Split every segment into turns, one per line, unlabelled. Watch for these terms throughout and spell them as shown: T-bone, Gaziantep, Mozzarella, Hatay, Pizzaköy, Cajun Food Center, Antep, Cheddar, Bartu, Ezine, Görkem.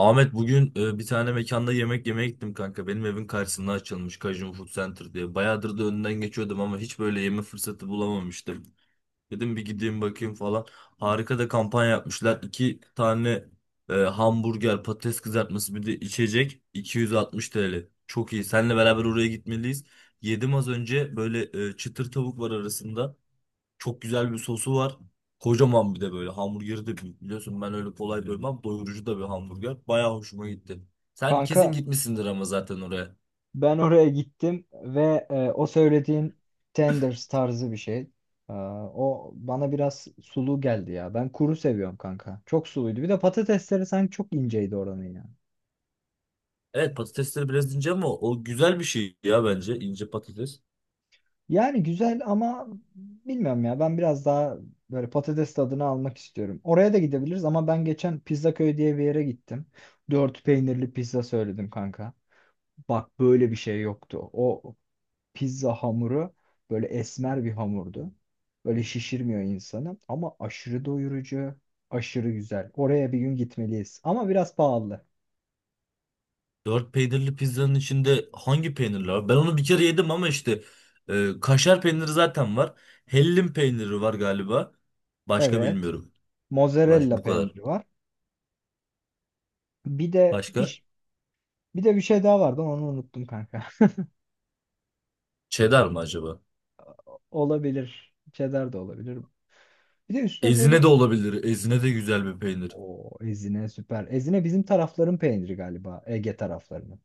Ahmet bugün bir tane mekanda yemek yemeye gittim kanka. Benim evin karşısında açılmış Cajun Food Center diye. Bayağıdır da önünden geçiyordum ama hiç böyle yeme fırsatı bulamamıştım. Dedim bir gideyim bakayım falan. Harika da kampanya yapmışlar. İki tane hamburger, patates kızartması bir de içecek 260 TL. Çok iyi. Seninle beraber oraya gitmeliyiz. Yedim az önce böyle çıtır tavuk var arasında. Çok güzel bir sosu var. Kocaman bir de böyle hamburgeri de büyük. Biliyorsun ben öyle kolay doymam. Doyurucu da bir hamburger. Bayağı hoşuma gitti. Sen kesin
Kanka
gitmişsindir ama zaten oraya.
ben oraya gittim ve o söylediğin tenders tarzı bir şey. O bana biraz sulu geldi ya. Ben kuru seviyorum kanka. Çok suluydu. Bir de patatesleri sanki çok inceydi oranın ya.
Evet, patatesleri biraz ince ama o güzel bir şey ya, bence ince patates.
Yani güzel ama bilmiyorum ya. Ben biraz daha böyle patates tadını almak istiyorum. Oraya da gidebiliriz ama ben geçen Pizzaköy diye bir yere gittim. Dört peynirli pizza söyledim kanka. Bak böyle bir şey yoktu. O pizza hamuru böyle esmer bir hamurdu. Böyle şişirmiyor insanı ama aşırı doyurucu, aşırı güzel. Oraya bir gün gitmeliyiz ama biraz pahalı.
Dört peynirli pizzanın içinde hangi peynirler var? Ben onu bir kere yedim ama işte kaşar peyniri zaten var. Hellim peyniri var galiba. Başka
Evet.
bilmiyorum.
Mozzarella
Bu kadar.
peyniri var. Bir de
Başka?
bir, bir de bir şey daha vardı onu unuttum kanka.
Cheddar mı acaba?
Olabilir. Cheddar da olabilir. Bir de üstüne böyle
Ezine de olabilir. Ezine de güzel bir peynir.
o Ezine süper. Ezine bizim tarafların peyniri galiba. Ege taraflarının.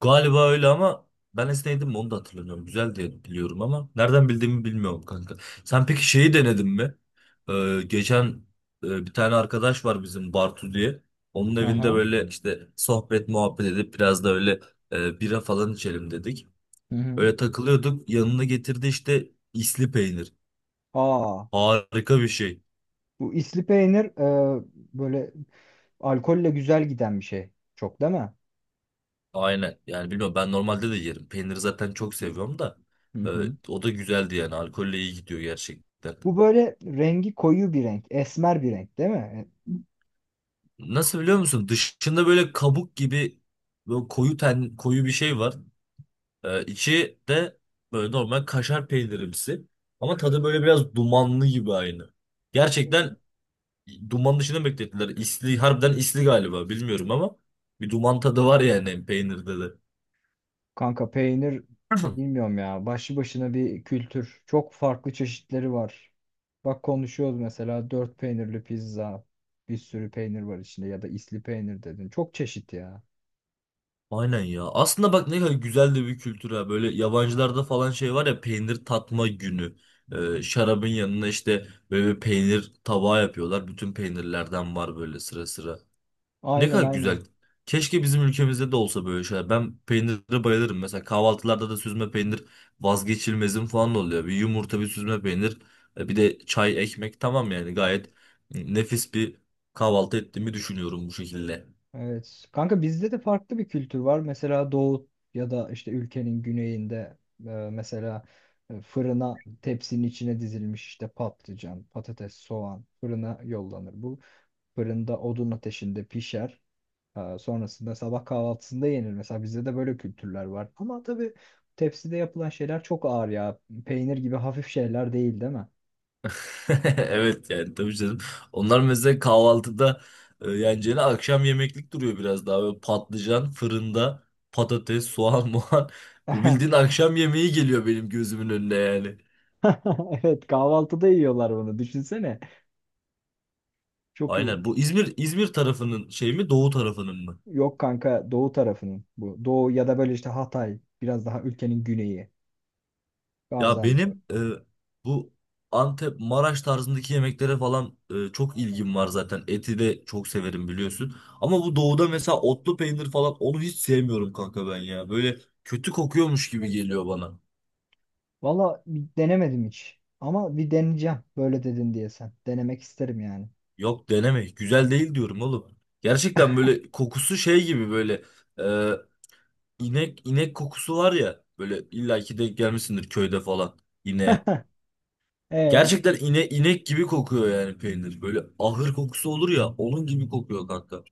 Galiba öyle ama ben esneydim mi onu da hatırlamıyorum. Güzel diye biliyorum ama nereden bildiğimi bilmiyorum kanka. Sen peki şeyi denedin mi? Geçen bir tane arkadaş var bizim, Bartu diye. Onun evinde
Aha.
böyle işte sohbet muhabbet edip biraz da öyle bira falan içelim dedik.
Hı hı.
Öyle takılıyorduk. Yanına getirdi işte isli peynir.
Aa,
Harika bir şey.
bu isli peynir böyle alkolle güzel giden bir şey. Çok değil mi?
Aynen. Yani bilmiyorum, ben normalde de yerim. Peyniri zaten çok seviyorum da.
Hı
e,
hı.
O da güzeldi yani. Alkolle iyi gidiyor gerçekten.
Bu böyle rengi koyu bir renk. Esmer bir renk değil mi?
Nasıl, biliyor musun? Dışında böyle kabuk gibi böyle koyu ten, koyu bir şey var. İçi de böyle normal kaşar peynirimsi. Ama tadı böyle biraz dumanlı gibi aynı.
E,
Gerçekten duman dışında beklettiler. İsli, harbiden isli galiba, bilmiyorum ama bir duman tadı var yani peynirde de.
Kanka peynir bilmiyorum ya. Başlı başına bir kültür. Çok farklı çeşitleri var. Bak konuşuyoruz mesela dört peynirli pizza. Bir sürü peynir var içinde ya da isli peynir dedin. Çok çeşit ya.
Aynen ya. Aslında bak, ne kadar güzel de bir kültür ha. Böyle yabancılarda falan şey var ya, peynir tatma günü. Şarabın yanına işte böyle bir peynir tabağı yapıyorlar. Bütün peynirlerden var böyle sıra sıra. Ne
Aynen
kadar
aynen.
güzel. Keşke bizim ülkemizde de olsa böyle şeyler. Ben peynire bayılırım. Mesela kahvaltılarda da süzme peynir vazgeçilmezim falan oluyor. Bir yumurta, bir süzme peynir, bir de çay, ekmek, tamam yani, gayet nefis bir kahvaltı ettiğimi düşünüyorum bu şekilde.
Evet. Kanka bizde de farklı bir kültür var. Mesela doğu ya da işte ülkenin güneyinde mesela fırına tepsinin içine dizilmiş işte patlıcan, patates, soğan fırına yollanır. Bu fırında odun ateşinde pişer. Sonrasında sabah kahvaltısında yenir. Mesela bizde de böyle kültürler var. Ama tabii tepside yapılan şeyler çok ağır ya. Peynir gibi hafif şeyler değil, değil mi?
Evet yani, tabii canım. Onlar mesela kahvaltıda yeneceğine akşam yemeklik duruyor biraz daha. Böyle patlıcan fırında, patates, soğan, muhan. Bu bildiğin akşam yemeği geliyor benim gözümün önüne yani.
Evet, kahvaltıda yiyorlar bunu. Düşünsene. Çok iyi.
Aynen. Bu İzmir tarafının şey mi, doğu tarafının mı?
Yok kanka doğu tarafının bu. Doğu ya da böyle işte Hatay biraz daha ülkenin güneyi
Ya
Gaziantep.
benim bu Antep, Maraş tarzındaki yemeklere falan çok ilgim var zaten. Eti de çok severim, biliyorsun. Ama bu doğuda mesela otlu peynir falan, onu hiç sevmiyorum kanka ben ya. Böyle kötü kokuyormuş gibi geliyor bana.
Valla bir denemedim hiç. Ama bir deneyeceğim böyle dedin diye sen. Denemek isterim yani.
Yok, deneme. Güzel değil diyorum oğlum. Gerçekten böyle kokusu şey gibi, böyle e, inek inek kokusu var ya. Böyle illaki denk gelmişsindir köyde falan ineğe.
E
Gerçekten inek gibi kokuyor yani peynir. Böyle ahır kokusu olur ya, onun gibi kokuyor kanka.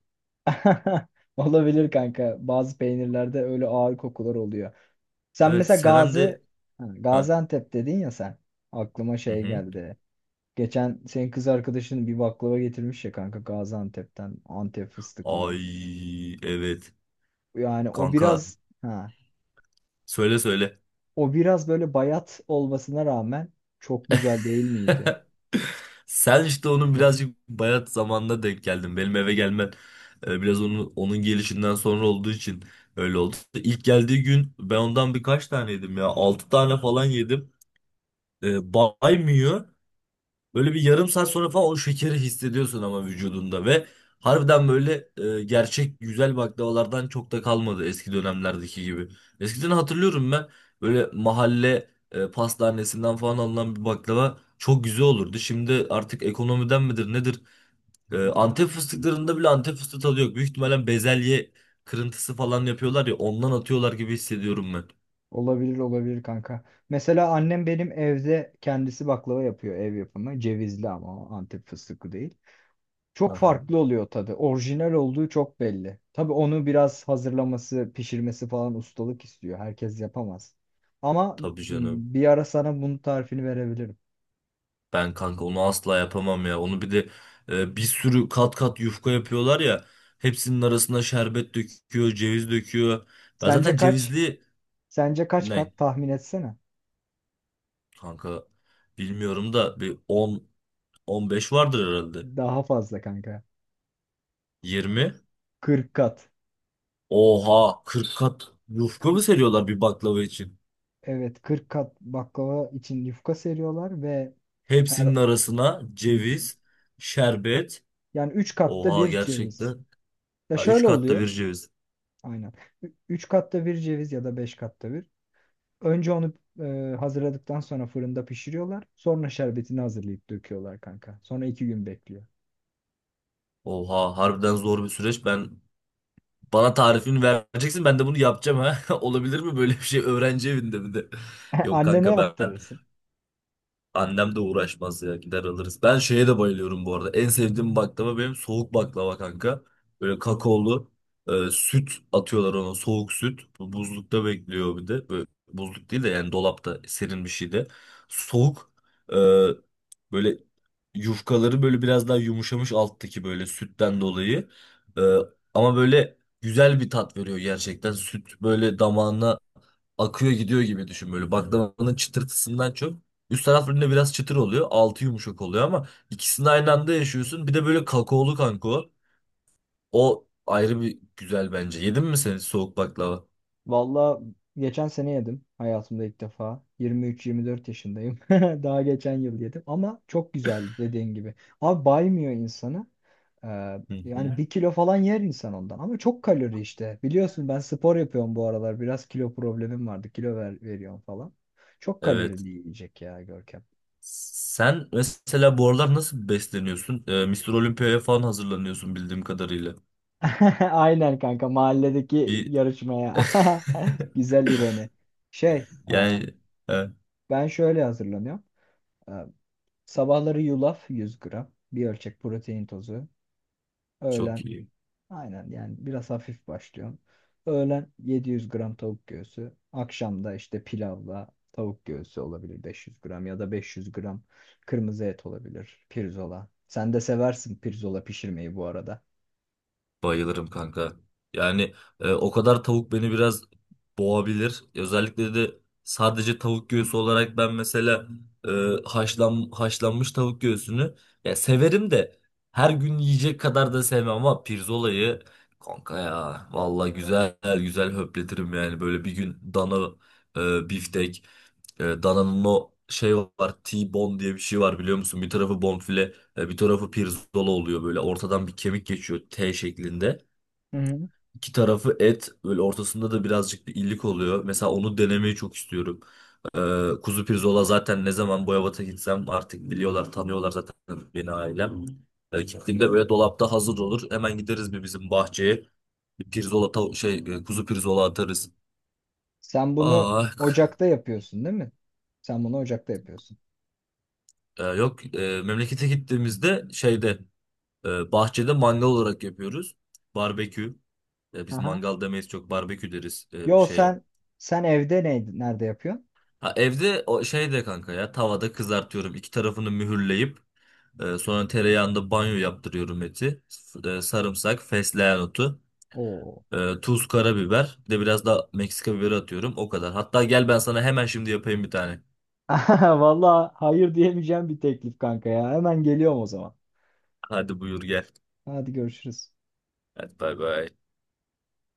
olabilir kanka. Bazı peynirlerde öyle ağır kokular oluyor. Sen
Evet,
mesela
seven
Gazi
de...
Ha,
Ha.
Gaziantep dedin ya sen. Aklıma
Hı
şey
hı.
geldi. Geçen senin kız arkadaşın bir baklava getirmiş ya kanka Gaziantep'ten Antep fıstıklı.
Ay evet.
Yani o
Kanka,
biraz ha
söyle söyle.
O biraz böyle bayat olmasına rağmen çok güzel değil miydi?
Sen işte onun birazcık bayat zamanına denk geldin. Benim eve gelmen biraz onun gelişinden sonra olduğu için öyle oldu. İlk geldiği gün ben ondan birkaç tane yedim ya. Altı tane falan yedim. Baymıyor. Böyle bir yarım saat sonra falan o şekeri hissediyorsun ama vücudunda, ve harbiden böyle gerçek güzel baklavalardan çok da kalmadı eski dönemlerdeki gibi. Eskiden hatırlıyorum ben, böyle mahalle pastanesinden falan alınan bir baklava çok güzel olurdu. Şimdi artık ekonomiden midir nedir? Antep fıstıklarında bile Antep fıstığı tadı yok. Büyük ihtimalle bezelye kırıntısı falan yapıyorlar ya, ondan atıyorlar gibi hissediyorum ben.
Olabilir olabilir kanka. Mesela annem benim evde kendisi baklava yapıyor ev yapımı. Cevizli ama o Antep fıstıklı değil. Çok
Aha.
farklı oluyor tadı. Orijinal olduğu çok belli. Tabii onu biraz hazırlaması, pişirmesi falan ustalık istiyor. Herkes yapamaz. Ama
Tabii canım.
m, bir ara sana bunun tarifini verebilirim.
Ben kanka onu asla yapamam ya. Onu bir de bir sürü kat kat yufka yapıyorlar ya. Hepsinin arasına şerbet döküyor, ceviz döküyor. Ben
Sence
zaten
kaç?
cevizli
Sence kaç
ne,
kat tahmin etsene.
kanka bilmiyorum da, bir 10 15 vardır herhalde.
Daha fazla kanka.
20.
40 kat.
Oha, 40 kat yufka mı
K-
seriyorlar bir baklava için?
evet kırk kat baklava için yufka seriyorlar ve her
Hepsinin arasına
Hı.
ceviz, şerbet.
Yani 3 katta
Oha,
bir ceviz.
gerçekten.
Ya
Ha, 3
şöyle
katta
oluyor.
bir ceviz.
Aynen. 3 katta bir ceviz ya da 5 katta bir. Önce onu hazırladıktan sonra fırında pişiriyorlar. Sonra şerbetini hazırlayıp döküyorlar kanka. Sonra iki gün bekliyor.
Oha, harbiden zor bir süreç. Bana tarifini vereceksin, ben de bunu yapacağım ha. Olabilir mi böyle bir şey öğrenci evinde, bir de. Yok
Annene
kanka
yaptırırsın.
annem de uğraşmaz ya, gider alırız. Ben şeye de bayılıyorum bu arada. En sevdiğim baklava benim, soğuk baklava kanka. Böyle kakaolu süt atıyorlar ona, soğuk süt. Bu buzlukta bekliyor bir de. Böyle, buzluk değil de yani dolapta, serin bir şeyde. Soğuk e, böyle yufkaları böyle biraz daha yumuşamış alttaki, böyle sütten dolayı. E, Ama böyle güzel bir tat veriyor gerçekten. Süt böyle damağına akıyor gidiyor gibi düşün, böyle baklavanın çıtırtısından çok. Üst taraflarında biraz çıtır oluyor. Altı yumuşak oluyor ama ikisini aynı anda yaşıyorsun. Bir de böyle kakaolu kanka o. O ayrı bir güzel bence. Yedin mi sen soğuk baklava?
Valla geçen sene yedim. Hayatımda ilk defa. 23-24 yaşındayım. Daha geçen yıl yedim. Ama çok güzeldi dediğin gibi. Abi baymıyor insanı. Ee,
Hı.
yani bir kilo falan yer insan ondan. Ama çok kalori işte. Biliyorsun ben spor yapıyorum bu aralar. Biraz kilo problemim vardı. Veriyorum falan. Çok
Evet.
kalorili yiyecek ya Görkem.
Sen mesela bu aralar nasıl besleniyorsun? Mr. Olympia'ya falan hazırlanıyorsun bildiğim kadarıyla.
Aynen kanka mahalledeki
Bir
yarışmaya. Güzel ironi. Şey e,
yani, e,
ben şöyle hazırlanıyorum. E, sabahları yulaf 100 gram. Bir ölçek protein tozu.
çok
Öğlen
iyi.
aynen yani biraz hafif başlıyorum. Öğlen 700 gram tavuk göğsü. Akşamda işte pilavla tavuk göğsü olabilir 500 gram ya da 500 gram kırmızı et olabilir. Pirzola. Sen de seversin pirzola pişirmeyi bu arada.
Bayılırım kanka. Yani o kadar tavuk beni biraz boğabilir. Özellikle de sadece tavuk göğsü olarak, ben mesela e, haşlanmış tavuk göğsünü ya severim de her gün yiyecek kadar da sevmem, ama pirzolayı kanka ya, vallahi güzel güzel höpletirim yani. Böyle bir gün dana biftek, Dana'nın o şey var, T-bone diye bir şey var biliyor musun? Bir tarafı bonfile bir tarafı pirzola oluyor, böyle ortadan bir kemik geçiyor T şeklinde.
Hı hı.
İki tarafı et, böyle ortasında da birazcık bir illik oluyor. Mesela onu denemeyi çok istiyorum. Kuzu pirzola zaten, ne zaman Boyabat'a gitsem artık biliyorlar, tanıyorlar zaten beni, ailem. Gittiğimde böyle dolapta hazır olur. Hemen gideriz bir bizim bahçeye. Bir pirzola şey, kuzu pirzola atarız.
Sen bunu
Ah, k-
ocakta yapıyorsun değil mi? Sen bunu ocakta yapıyorsun.
yok, memlekete gittiğimizde şeyde, bahçede mangal olarak yapıyoruz. Barbekü. Biz
Aha.
mangal demeyiz, çok barbekü deriz
Yo
şeye.
sen sen evde nerede yapıyorsun?
Ha, evde o şeyde kanka ya, tavada kızartıyorum. İki tarafını mühürleyip sonra tereyağında banyo yaptırıyorum eti. Sarımsak, fesleğen otu,
Oo.
tuz, karabiber. Bir de biraz da Meksika biberi atıyorum. O kadar. Hatta gel, ben sana hemen şimdi yapayım bir tane.
Vallahi hayır diyemeyeceğim bir teklif kanka ya. Hemen geliyorum o zaman.
Hadi buyur gel.
Hadi görüşürüz.
Hadi bay bay.